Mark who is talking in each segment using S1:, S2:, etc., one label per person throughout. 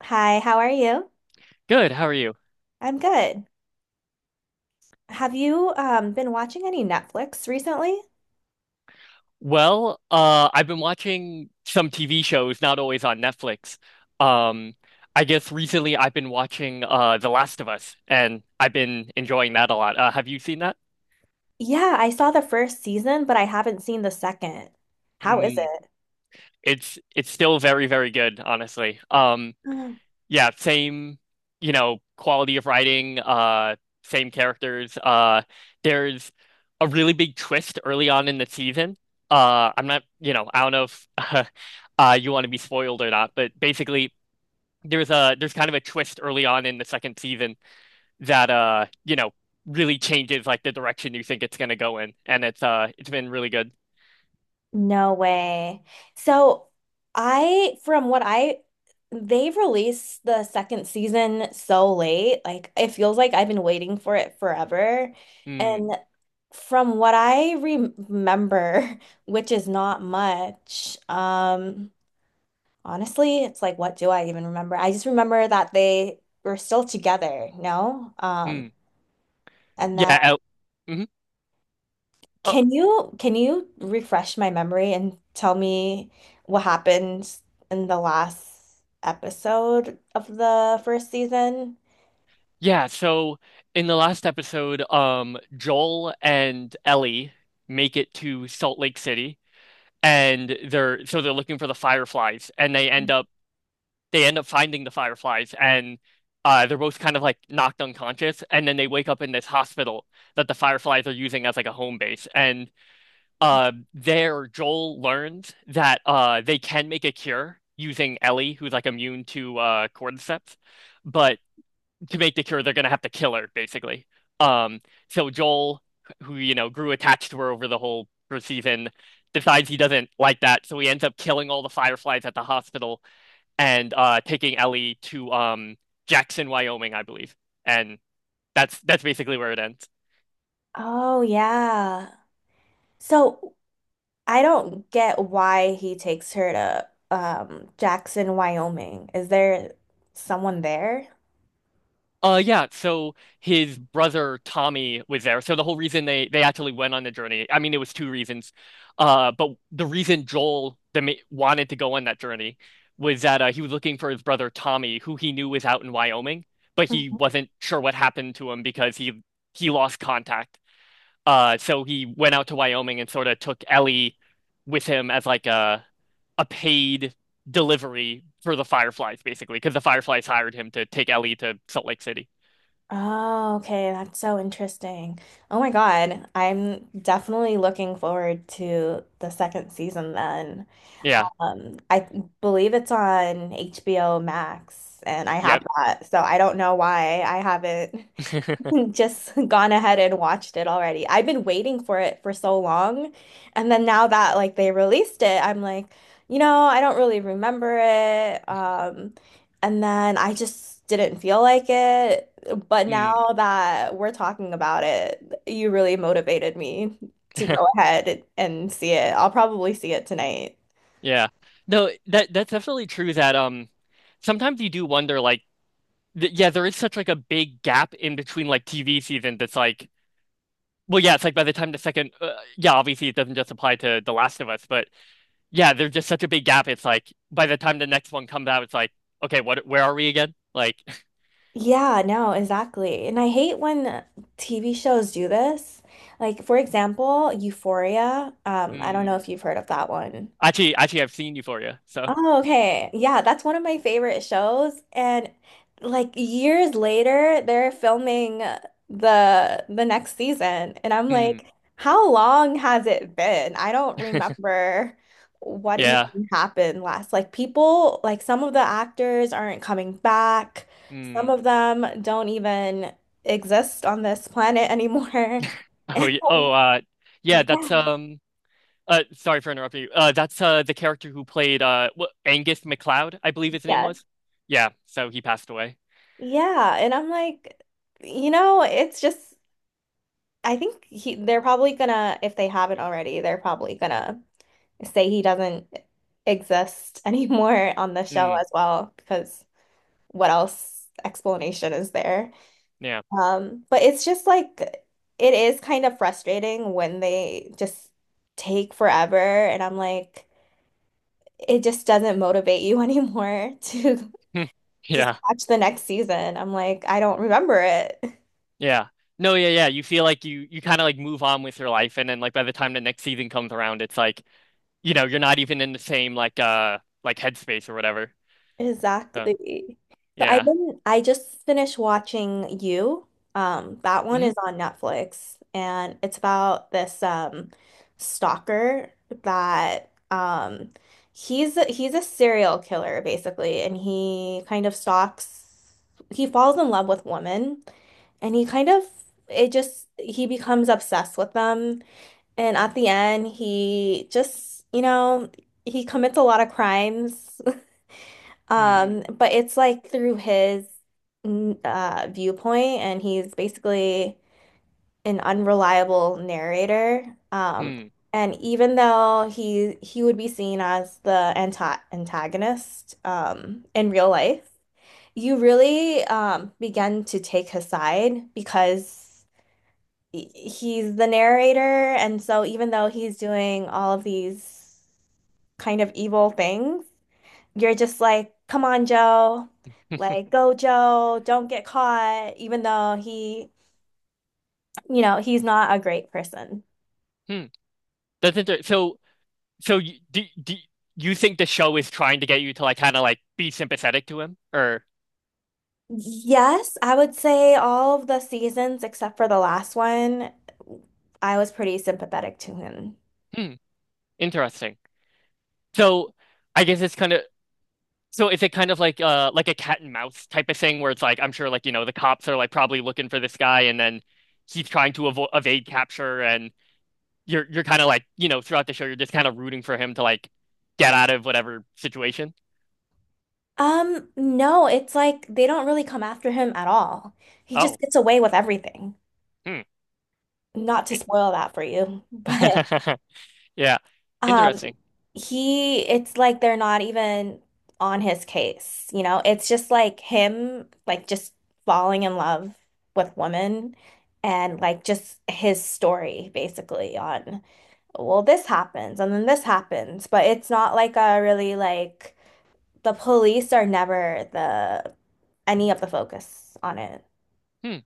S1: Hi, how are you?
S2: Good, how are you?
S1: I'm good. Have you been watching any Netflix recently?
S2: Well, I've been watching some TV shows, not always on Netflix. Um, I guess recently I've been watching The Last of Us, and I've been enjoying that a lot. Have you seen that?
S1: Yeah, I saw the first season, but I haven't seen the second. How is
S2: Mm,
S1: it?
S2: it's still very, very good, honestly.
S1: Mm.
S2: Yeah, same, you know, quality of writing, same characters. There's a really big twist early on in the season. I'm not, you know, I don't know if you want to be spoiled or not, but basically there's kind of a twist early on in the second season that you know, really changes like the direction you think it's gonna go in, and it's been really good.
S1: No way. So, I from what I They've released the second season so late. Like, it feels like I've been waiting for it forever.
S2: Mm,
S1: And from what I remember, which is not much, honestly, it's like, what do I even remember? I just remember that they were still together, no?
S2: mm.
S1: And then
S2: Yeah. Mhm. Oh,
S1: Can you refresh my memory and tell me what happened in the last episode of the first season?
S2: yeah, so in the last episode, Joel and Ellie make it to Salt Lake City and they're looking for the fireflies and they end up finding the fireflies, and they're both kind of like knocked unconscious and then they wake up in this hospital that the fireflies are using as like a home base and there Joel learns that they can make a cure using Ellie, who's like immune to cordyceps, but to make the cure, they're gonna have to kill her, basically. Um, so Joel, who you know grew attached to her over the whole season, decides he doesn't like that, so he ends up killing all the Fireflies at the hospital and taking Ellie to Jackson, Wyoming, I believe, and that's basically where it ends.
S1: Oh yeah. So I don't get why he takes her to Jackson, Wyoming. Is there someone there?
S2: Yeah, so his brother Tommy was there. So the whole reason they actually went on the journey, I mean, it was two reasons. But the reason Joel the ma wanted to go on that journey was that he was looking for his brother Tommy, who he knew was out in Wyoming, but he wasn't sure what happened to him because he lost contact. So he went out to Wyoming and sort of took Ellie with him as like a paid delivery for the Fireflies, basically, because the Fireflies hired him to take Ellie to Salt Lake City.
S1: Oh, okay. That's so interesting. Oh my God, I'm definitely looking forward to the second season then.
S2: Yeah.
S1: I believe it's on HBO Max, and I
S2: Yep.
S1: have that. So I don't know why I haven't just gone ahead and watched it already. I've been waiting for it for so long. And then now that like they released it, I'm like, you know, I don't really remember it. And then I just didn't feel like it. But now
S2: Mm.
S1: that we're talking about it, you really motivated me to go ahead and see it. I'll probably see it tonight.
S2: Yeah. No, that's definitely true that sometimes you do wonder like th yeah, there is such like a big gap in between like TV season that's like well, it's like by the time the second yeah, obviously it doesn't just apply to The Last of Us, but yeah, there's just such a big gap. It's like by the time the next one comes out, it's like okay, what where are we again? Like
S1: Yeah, no, exactly. And I hate when TV shows do this. Like, for example, Euphoria. I don't
S2: mm.
S1: know if you've heard of that one.
S2: Actually, I've seen Euphoria. So,
S1: Oh, okay. Yeah, that's one of my favorite shows. And like, years later, they're filming the next season. And I'm
S2: mm.
S1: like, how long has it been? I don't remember what
S2: Yeah.
S1: even happened last. Like people, like some of the actors aren't coming back. Some
S2: Mm.
S1: of them don't even exist on this planet anymore.
S2: Oh, yeah,
S1: Yeah,
S2: that's uh, sorry for interrupting you. That's the character who played Angus MacLeod, I believe his name
S1: yes.
S2: was. Yeah, so he passed away.
S1: Yeah. And I'm like, you know, it's just, I think he they're probably gonna, if they haven't already, they're probably gonna say he doesn't exist anymore on the show
S2: Mm,
S1: as well, because what else explanation is there?
S2: yeah.
S1: But it's just like, it is kind of frustrating when they just take forever, and I'm like, it just doesn't motivate you anymore to
S2: Hmm.
S1: just
S2: Yeah.
S1: watch the next season. I'm like, I don't remember it.
S2: Yeah. No, yeah, yeah. You feel like you kind of like move on with your life, and then like by the time the next season comes around, it's like you know you're not even in the same like headspace or whatever. So
S1: Exactly. So I've
S2: yeah.
S1: been I just finished watching You. That one
S2: Hmm.
S1: is on Netflix and it's about this stalker that he's a serial killer basically, and he kind of stalks he falls in love with women, and he kind of, it just he becomes obsessed with them, and at the end he just, you know, he commits a lot of crimes,
S2: Hmm.
S1: but it's like through his viewpoint, and he's basically an unreliable narrator.
S2: Hmm.
S1: And even though he would be seen as the antagonist in real life, you really begin to take his side because he's the narrator, and so even though he's doing all of these kind of evil things, you're just like, come on, Joe. Like, go, Joe. Don't get caught, even though he, you know, he's not a great person.
S2: Hmm. That's inter So do you think the show is trying to get you to like kind of like be sympathetic to him or
S1: Yes, I would say all of the seasons except for the last one, I was pretty sympathetic to him.
S2: hmm. Interesting. So I guess it's kind of is it kind of like a cat and mouse type of thing where it's like I'm sure like you know the cops are like probably looking for this guy, and then he's trying to avo evade capture, and you're kind of like you know throughout the show you're just kind of rooting for him to like get out of whatever situation.
S1: No, it's like they don't really come after him at all. He just
S2: Oh,
S1: gets away with everything.
S2: hmm.
S1: Not to
S2: It-
S1: spoil that for you, but
S2: Yeah.
S1: Um,
S2: Interesting.
S1: it's like they're not even on his case, you know? It's just like him, like just falling in love with women, and like just his story basically on, well, this happens and then this happens, but it's not like a really like, the police are never the any of the focus on it.
S2: Hmm.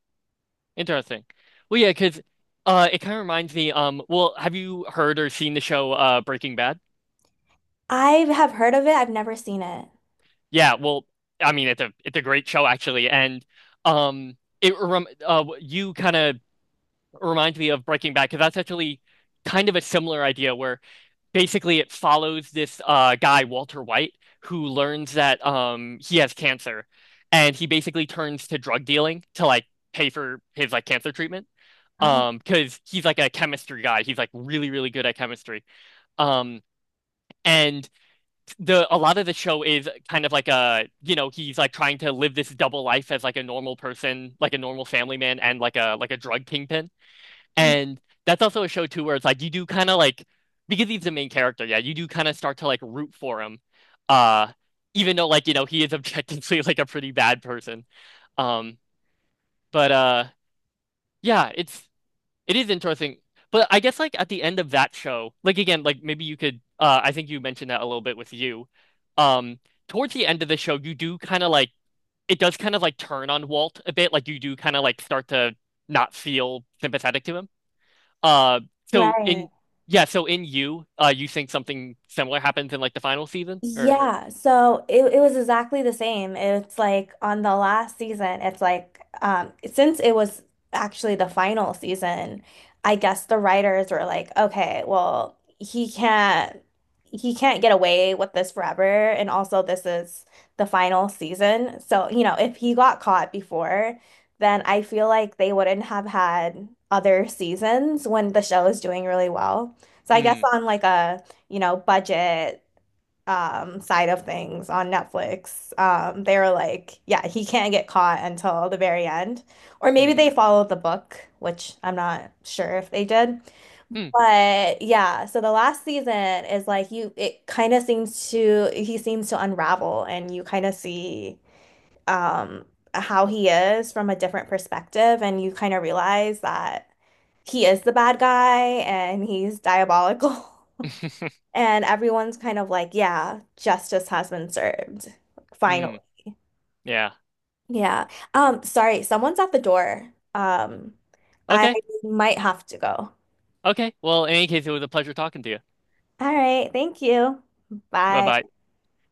S2: Interesting. Well, yeah, because it kind of reminds me well have you heard or seen the show Breaking Bad?
S1: I have heard of it, I've never seen it.
S2: Yeah, well, I mean, it's a great show actually, and it rem you kind of remind me of Breaking Bad because that's actually kind of a similar idea where basically it follows this guy Walter White, who learns that he has cancer, and he basically turns to drug dealing to like pay for his like cancer treatment.
S1: Oh,
S2: Because he's like a chemistry guy. He's like really, really good at chemistry. Um, and the a lot of the show is kind of like a you know he's like trying to live this double life as like a normal person like a normal family man and like a drug kingpin, and that's also a show too where it's like you do kind of like because he's the main character yeah you do kind of start to like root for him uh even though like you know he is objectively like a pretty bad person, um but yeah it is interesting. But I guess like at the end of that show, like again, like maybe you could I think you mentioned that a little bit with you. Um Towards the end of the show, you do kind of like it does kind of like turn on Walt a bit, like you do kind of like start to not feel sympathetic to him. Uh so
S1: right.
S2: in Yeah, so in you, you think something similar happens in like the final season or
S1: Yeah, so it was exactly the same. It's like on the last season, it's like, since it was actually the final season, I guess the writers were like, okay, well, he can't get away with this forever, and also this is the final season. So, you know, if he got caught before, then I feel like they wouldn't have had other seasons when the show is doing really well. So I guess
S2: hmm
S1: on like a, you know, budget side of things on Netflix, they were like, yeah, he can't get caught until the very end. Or maybe
S2: hmm
S1: they followed the book, which I'm not sure if they did.
S2: hmm
S1: But yeah, so the last season is like, you it kind of seems to, he seems to unravel, and you kind of see um how he is from a different perspective, and you kind of realize that he is the bad guy and he's diabolical. And everyone's kind of like, yeah, justice has been served. Finally.
S2: hmm yeah.
S1: Yeah. Sorry, someone's at the door. I
S2: Okay.
S1: might have to go.
S2: Okay. Well, in any case, it was a pleasure talking to you.
S1: All right, thank you. Bye.
S2: Bye-bye.